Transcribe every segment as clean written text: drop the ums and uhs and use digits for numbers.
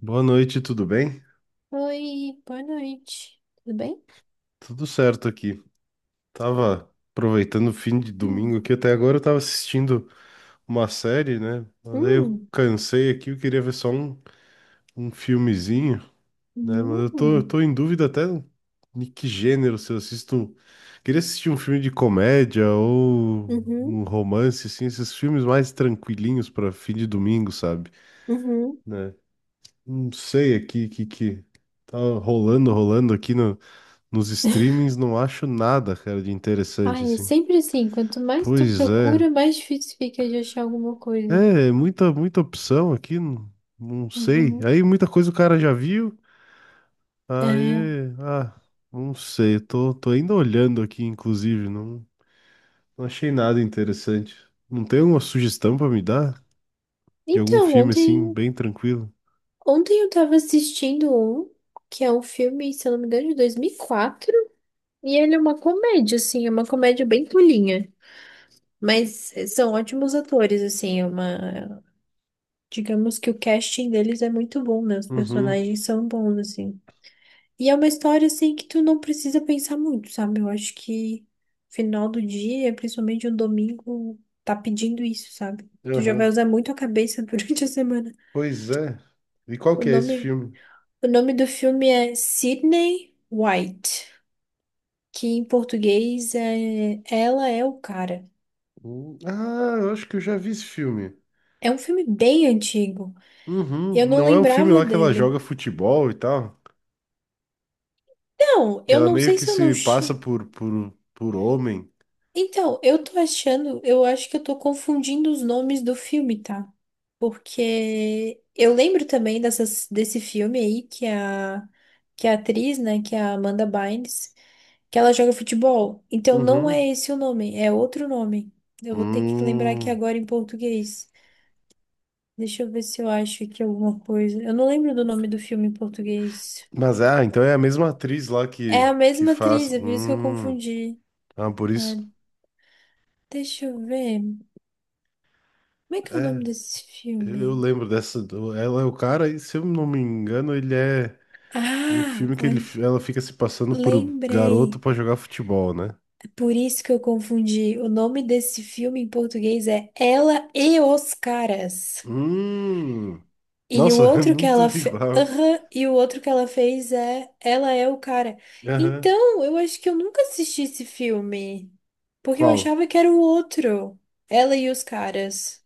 Boa noite, tudo bem? Oi, boa noite. Tudo bem? Tudo certo aqui. Tava aproveitando o fim de domingo Hum, aqui, até agora eu tava assistindo uma série, né? Mas aí eu hum, cansei aqui, eu queria ver só um filmezinho, né? Mas eu tô, eu hum, tô em dúvida até de que gênero, se eu assisto. Queria assistir um filme de comédia ou uhum, um romance, assim, esses filmes mais tranquilinhos pra fim de domingo, sabe? uhum. Né? Não sei aqui o que, que tá rolando, rolando aqui nos streamings, não acho nada, cara, de interessante, Ai, assim. sempre assim, quanto mais tu Pois é. procura, mais difícil fica de achar alguma coisa. É, muita, muita opção aqui, não, não sei. Uhum. Aí muita coisa o cara já viu. É. Aí, ah, não sei. Tô ainda olhando aqui, inclusive. Não, não achei nada interessante. Não tem alguma sugestão pra me dar? De algum Então, filme, assim, ontem, bem tranquilo? ontem eu tava assistindo um, que é um filme, se eu não me engano, de 2004. E ele é uma comédia, assim, é uma comédia bem tolinha, mas são ótimos atores, assim, é uma, digamos que o casting deles é muito bom, né? Os Uhum, personagens são bons, assim. E é uma história, assim, que tu não precisa pensar muito, sabe? Eu acho que final do dia, principalmente um domingo, tá pedindo isso, sabe? Tu já vai aham. usar muito a cabeça durante a semana. Pois é. E qual O que é esse nome, filme? o nome do filme é Sydney White, que em português é Ela é o Cara. Ah, eu acho que eu já vi esse filme. É um filme bem antigo. Uhum. Eu não Não é um filme lembrava lá que ela dele. joga futebol e tal? Não, Que eu ela não meio sei que se eu não. se passa por homem. Então, eu tô achando, eu acho que eu tô confundindo os nomes do filme, tá? Porque eu lembro também desse filme aí que a atriz, né, que é a Amanda Bynes, que ela joga futebol. Então não é Uhum. esse o nome, é outro nome. Eu vou ter que lembrar aqui Hum. agora em português. Deixa eu ver se eu acho aqui alguma coisa. Eu não lembro do nome do filme em português. Mas é, ah, então é a mesma atriz lá É a que mesma faz. atriz, é por isso que eu Hum. confundi. Ah, por Ah, isso. deixa eu ver. Como é que é o É, nome desse eu filme? lembro dessa. Ela é o cara, e se eu não me engano, ele é um Ah, filme que olha, ele, ela fica se passando por garoto lembrei. pra jogar futebol, né? É por isso que eu confundi. O nome desse filme em português é Ela e os Caras. Hum. E o Nossa, é outro que muito ela fez. igual. E o outro que ela fez é Ela é o Cara. Aham. Então, eu acho que eu nunca assisti esse filme. Porque eu Qual? achava que era o outro. Ela e os Caras.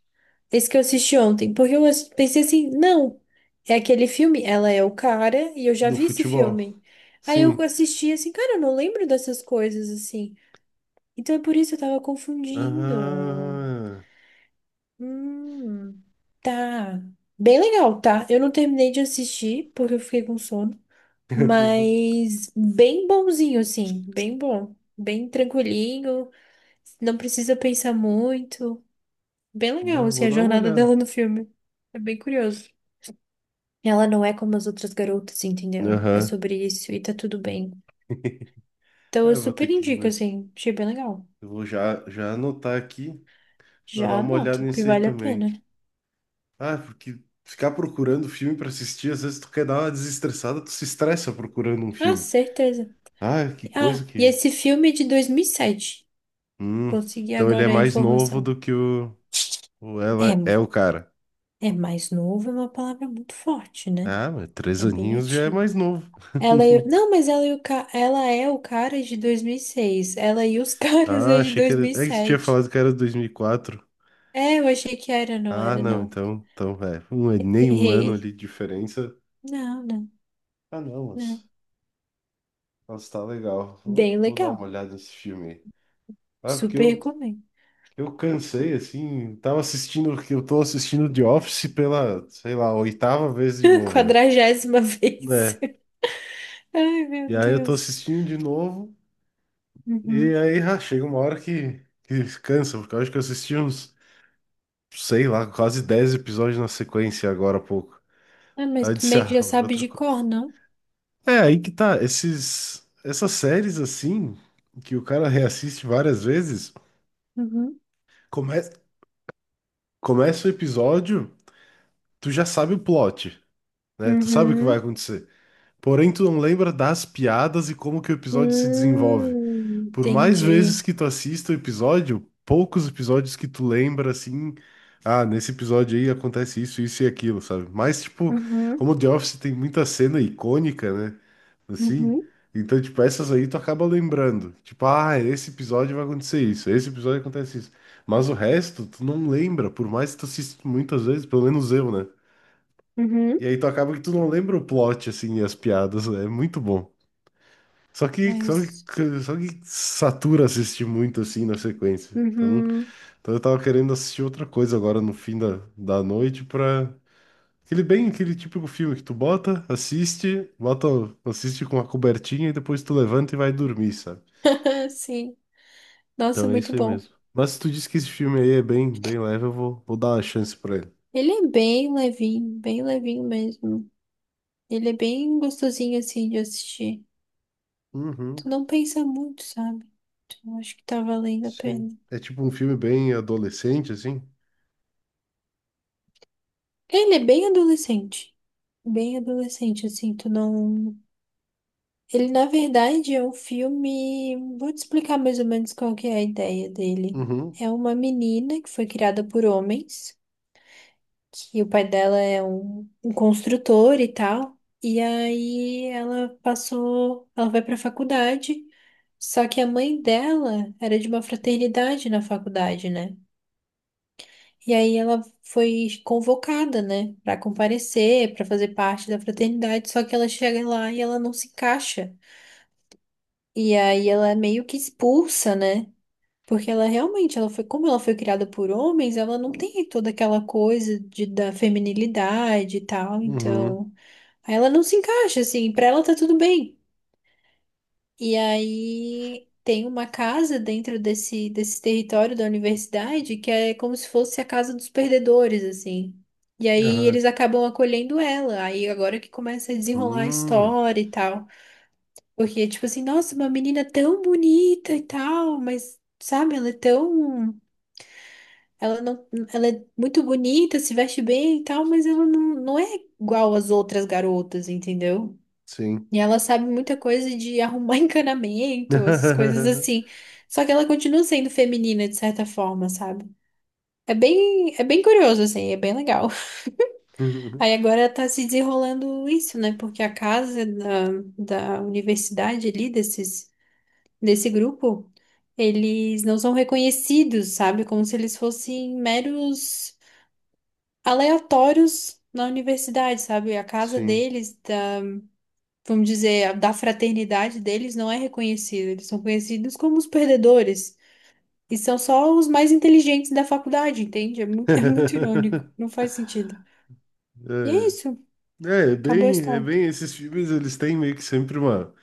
Esse que eu assisti ontem, porque eu pensei assim, não, é aquele filme, ela é o cara, e eu já Do vi esse futebol. filme. Aí eu Sim. assisti assim, cara, eu não lembro dessas coisas assim. Então é por isso que eu tava confundindo. Ah, Hum, tá. Bem legal, tá? Eu não terminei de assistir, porque eu fiquei com sono, mas bem bonzinho, assim, bem bom, bem tranquilinho, não precisa pensar muito. Bem legal, né, assim, vou a dar uma jornada olhada. dela no filme. É bem curioso. Ela não é como as outras garotas, entendeu? É Aham. sobre isso e tá tudo bem. Então Ah, eu eu vou ter super que ir indico, mesmo. assim, achei bem legal. Eu vou já, já anotar aqui pra Já dar uma olhada anota, que nisso aí vale a pena. também. Ah, porque ficar procurando filme pra assistir, às vezes tu quer dar uma desestressada, tu se estressa procurando um Ah, filme. certeza. Ah, que coisa Ah, e que. esse filme é de 2007. Hum, Consegui então ele é agora a mais novo informação. do que o ela É, é o cara. é mais novo, é uma palavra muito forte, né? Ah, mas três É bem aninhos já é antigo. mais novo. Não, mas ela, ela é o cara de 2006. Ela e os caras Ah, é de achei que era. É que tu tinha 2007. falado que era 2004. É, eu achei que era, não Ah, era, não, não. então, é, nem um ano Errei. ali de diferença. Não, Ah, não, não. mas tá legal. Vou, Bem vou dar uma legal. olhada nesse filme aí. Ah, porque Super recomendo. eu, cansei, assim, tava assistindo, que eu tô assistindo The Office pela, sei lá, oitava vez de novo, né? Quadragésima vez. É, Ai, meu e aí eu tô Deus. assistindo de novo, e Uhum. aí ah, chega uma hora que, cansa, porque eu acho que eu assisti uns, sei lá, quase 10 episódios na sequência agora há pouco. Ah, mas Aí eu tu disse, meio que ah, já sabe outra de coisa. cor, não? É, aí que tá, esses, essas séries assim, que o cara reassiste várias vezes, Uhum. come, começa o episódio, tu já sabe o plot, né? Tu sabe o que vai Uhum. acontecer. Porém, tu não lembra das piadas e como que o episódio se desenvolve. Por mais vezes Entendi. que tu assista o episódio, poucos episódios que tu lembra assim, ah, nesse episódio aí acontece isso, isso e aquilo, sabe? Mas, tipo, Uhum. como o The Office tem muita cena icônica, né? Assim. Uhum. Então, tipo, essas aí tu acaba lembrando. Tipo, ah, esse episódio vai acontecer isso, esse episódio acontece isso. Mas o resto, tu não lembra, por mais que tu assista muitas vezes, pelo menos eu, né? Uhum. E aí tu acaba que tu não lembra o plot, assim, e as piadas, né? É muito bom. Só que, só Mas. que, só que satura assistir muito, assim, na sequência. Então, Uhum. Eu tava querendo assistir outra coisa agora no fim da noite pra, aquele bem, aquele típico filme que tu bota, assiste com uma cobertinha e depois tu levanta e vai dormir, sabe? Ah, sim. Nossa, Então é muito isso aí bom. mesmo. Mas se tu disse que esse filme aí é bem, bem leve, eu vou, dar uma chance pra ele. Ele é bem levinho mesmo. Ele é bem gostosinho assim de assistir. Tu Uhum, não pensa muito, sabe? Então acho que tá valendo a sim. pena. É tipo um filme bem adolescente, assim? Ele é bem adolescente. Bem adolescente, assim, tu não. Ele, na verdade, é um filme. Vou te explicar mais ou menos qual que é a ideia dele. Uhum, É uma menina que foi criada por homens, que o pai dela é um construtor e tal. E aí ela passou. Ela vai pra faculdade. Só que a mãe dela era de uma fraternidade na faculdade, né? E aí ela foi convocada, né, pra comparecer, pra fazer parte da fraternidade, só que ela chega lá e ela não se encaixa. E aí ela é meio que expulsa, né? Porque ela realmente, ela foi, como ela foi criada por homens, ela não tem toda aquela coisa de, da feminilidade e tal, uhum, então, aí ela não se encaixa assim, pra ela tá tudo bem. E aí tem uma casa dentro desse, território da universidade que é como se fosse a casa dos perdedores, assim. E aí aham, eles acabam acolhendo ela. Aí agora que começa a desenrolar a hum, história e tal. Porque, tipo assim, nossa, uma menina tão bonita e tal, mas, sabe, ela é tão. Ela não, ela é muito bonita, se veste bem e tal, mas ela não, não é igual às outras garotas, entendeu? sim. E ela sabe muita coisa de arrumar encanamento, essas coisas assim. Só que ela continua sendo feminina de certa forma, sabe? É bem curioso, assim, é bem legal. Aí agora tá se desenrolando isso, né? Porque a casa da universidade ali, desse grupo, eles não são reconhecidos, sabe? Como se eles fossem meros aleatórios na universidade, sabe? A casa Sim. deles, vamos dizer, da fraternidade deles não é reconhecida. Eles são conhecidos como os perdedores. E são só os mais inteligentes da faculdade, entende? É muito, é muito irônico. Não faz sentido. E é isso. É, é Acabou a é história. bem, esses filmes eles têm meio que sempre uma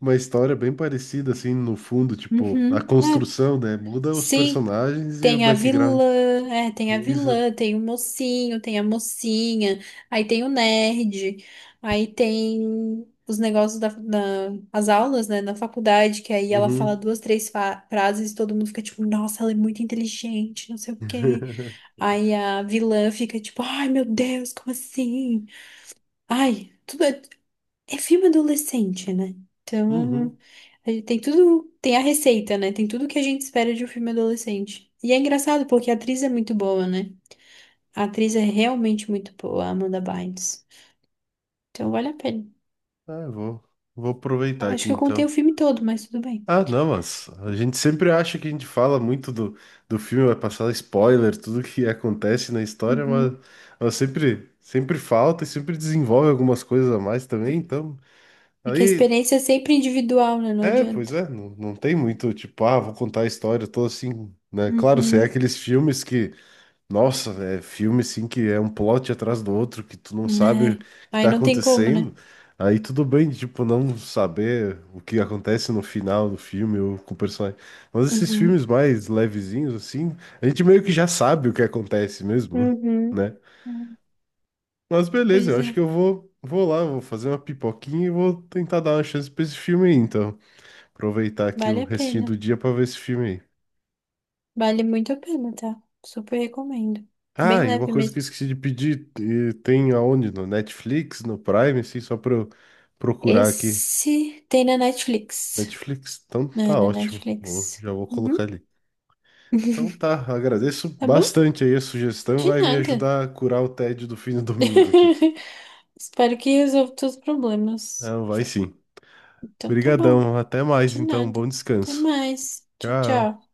história bem parecida, assim, no fundo, tipo, a Uhum. É, construção, né? Muda os sim. personagens e o Tem a vilã, background. é, tem a Isso. vilã, tem o mocinho, tem a mocinha, aí tem o nerd, aí tem os negócios as aulas, né, na faculdade, que aí ela fala Uhum. duas, três frases e todo mundo fica tipo, nossa, ela é muito inteligente, não sei o quê. Aí a vilã fica tipo, ai meu Deus, como assim? Ai, tudo, é filme adolescente, né? Então, Uhum. a gente tem tudo, tem a receita, né? Tem tudo que a gente espera de um filme adolescente. E é engraçado porque a atriz é muito boa, né? A atriz é realmente muito boa, a Amanda Bynes. Então, vale a pena. Ah, eu vou, aproveitar Acho aqui que eu contei o então. filme todo, mas tudo bem. Ah, não, mas a gente sempre acha que a gente fala muito do filme, vai passar spoiler, tudo que acontece na história, Uhum. mas sempre, sempre falta e sempre desenvolve algumas coisas a mais também, então. É que a Aí experiência é sempre individual, né? Não é, pois adianta. é, não, não tem muito, tipo, ah, vou contar a história, tô assim, né? Claro, se é Uhum. aqueles filmes que, nossa, é filme assim que é um plot atrás do outro, que tu não sabe o Né? que Aí tá não tem como, né? acontecendo, aí tudo bem, tipo, não saber o que acontece no final do filme ou com o personagem. Mas esses Uhum. filmes mais levezinhos, assim, a gente meio que já sabe o que acontece mesmo, Uhum. né? É, Mas beleza, pois eu acho que é, eu vou, lá, vou fazer uma pipoquinha e vou tentar dar uma chance pra esse filme aí, então. Aproveitar aqui vale o a restinho pena. do dia pra ver esse filme aí. Vale muito a pena, tá? Super recomendo. Bem Ah, e uma leve coisa que eu mesmo. esqueci de pedir, e tem aonde? No Netflix, no Prime, assim, só pra eu procurar aqui. Esse tem na Netflix. Netflix? Então É, tá na ótimo. Netflix. Já vou colocar Uhum. ali. Então tá, agradeço Tá bom? bastante aí a sugestão, De vai me nada. ajudar a curar o tédio do fim do domingo aqui. Espero que resolva todos os problemas. Não, vai sim. Então tá bom. Obrigadão, até mais De então, nada. bom Até descanso. mais. Tchau, Tchau. tchau.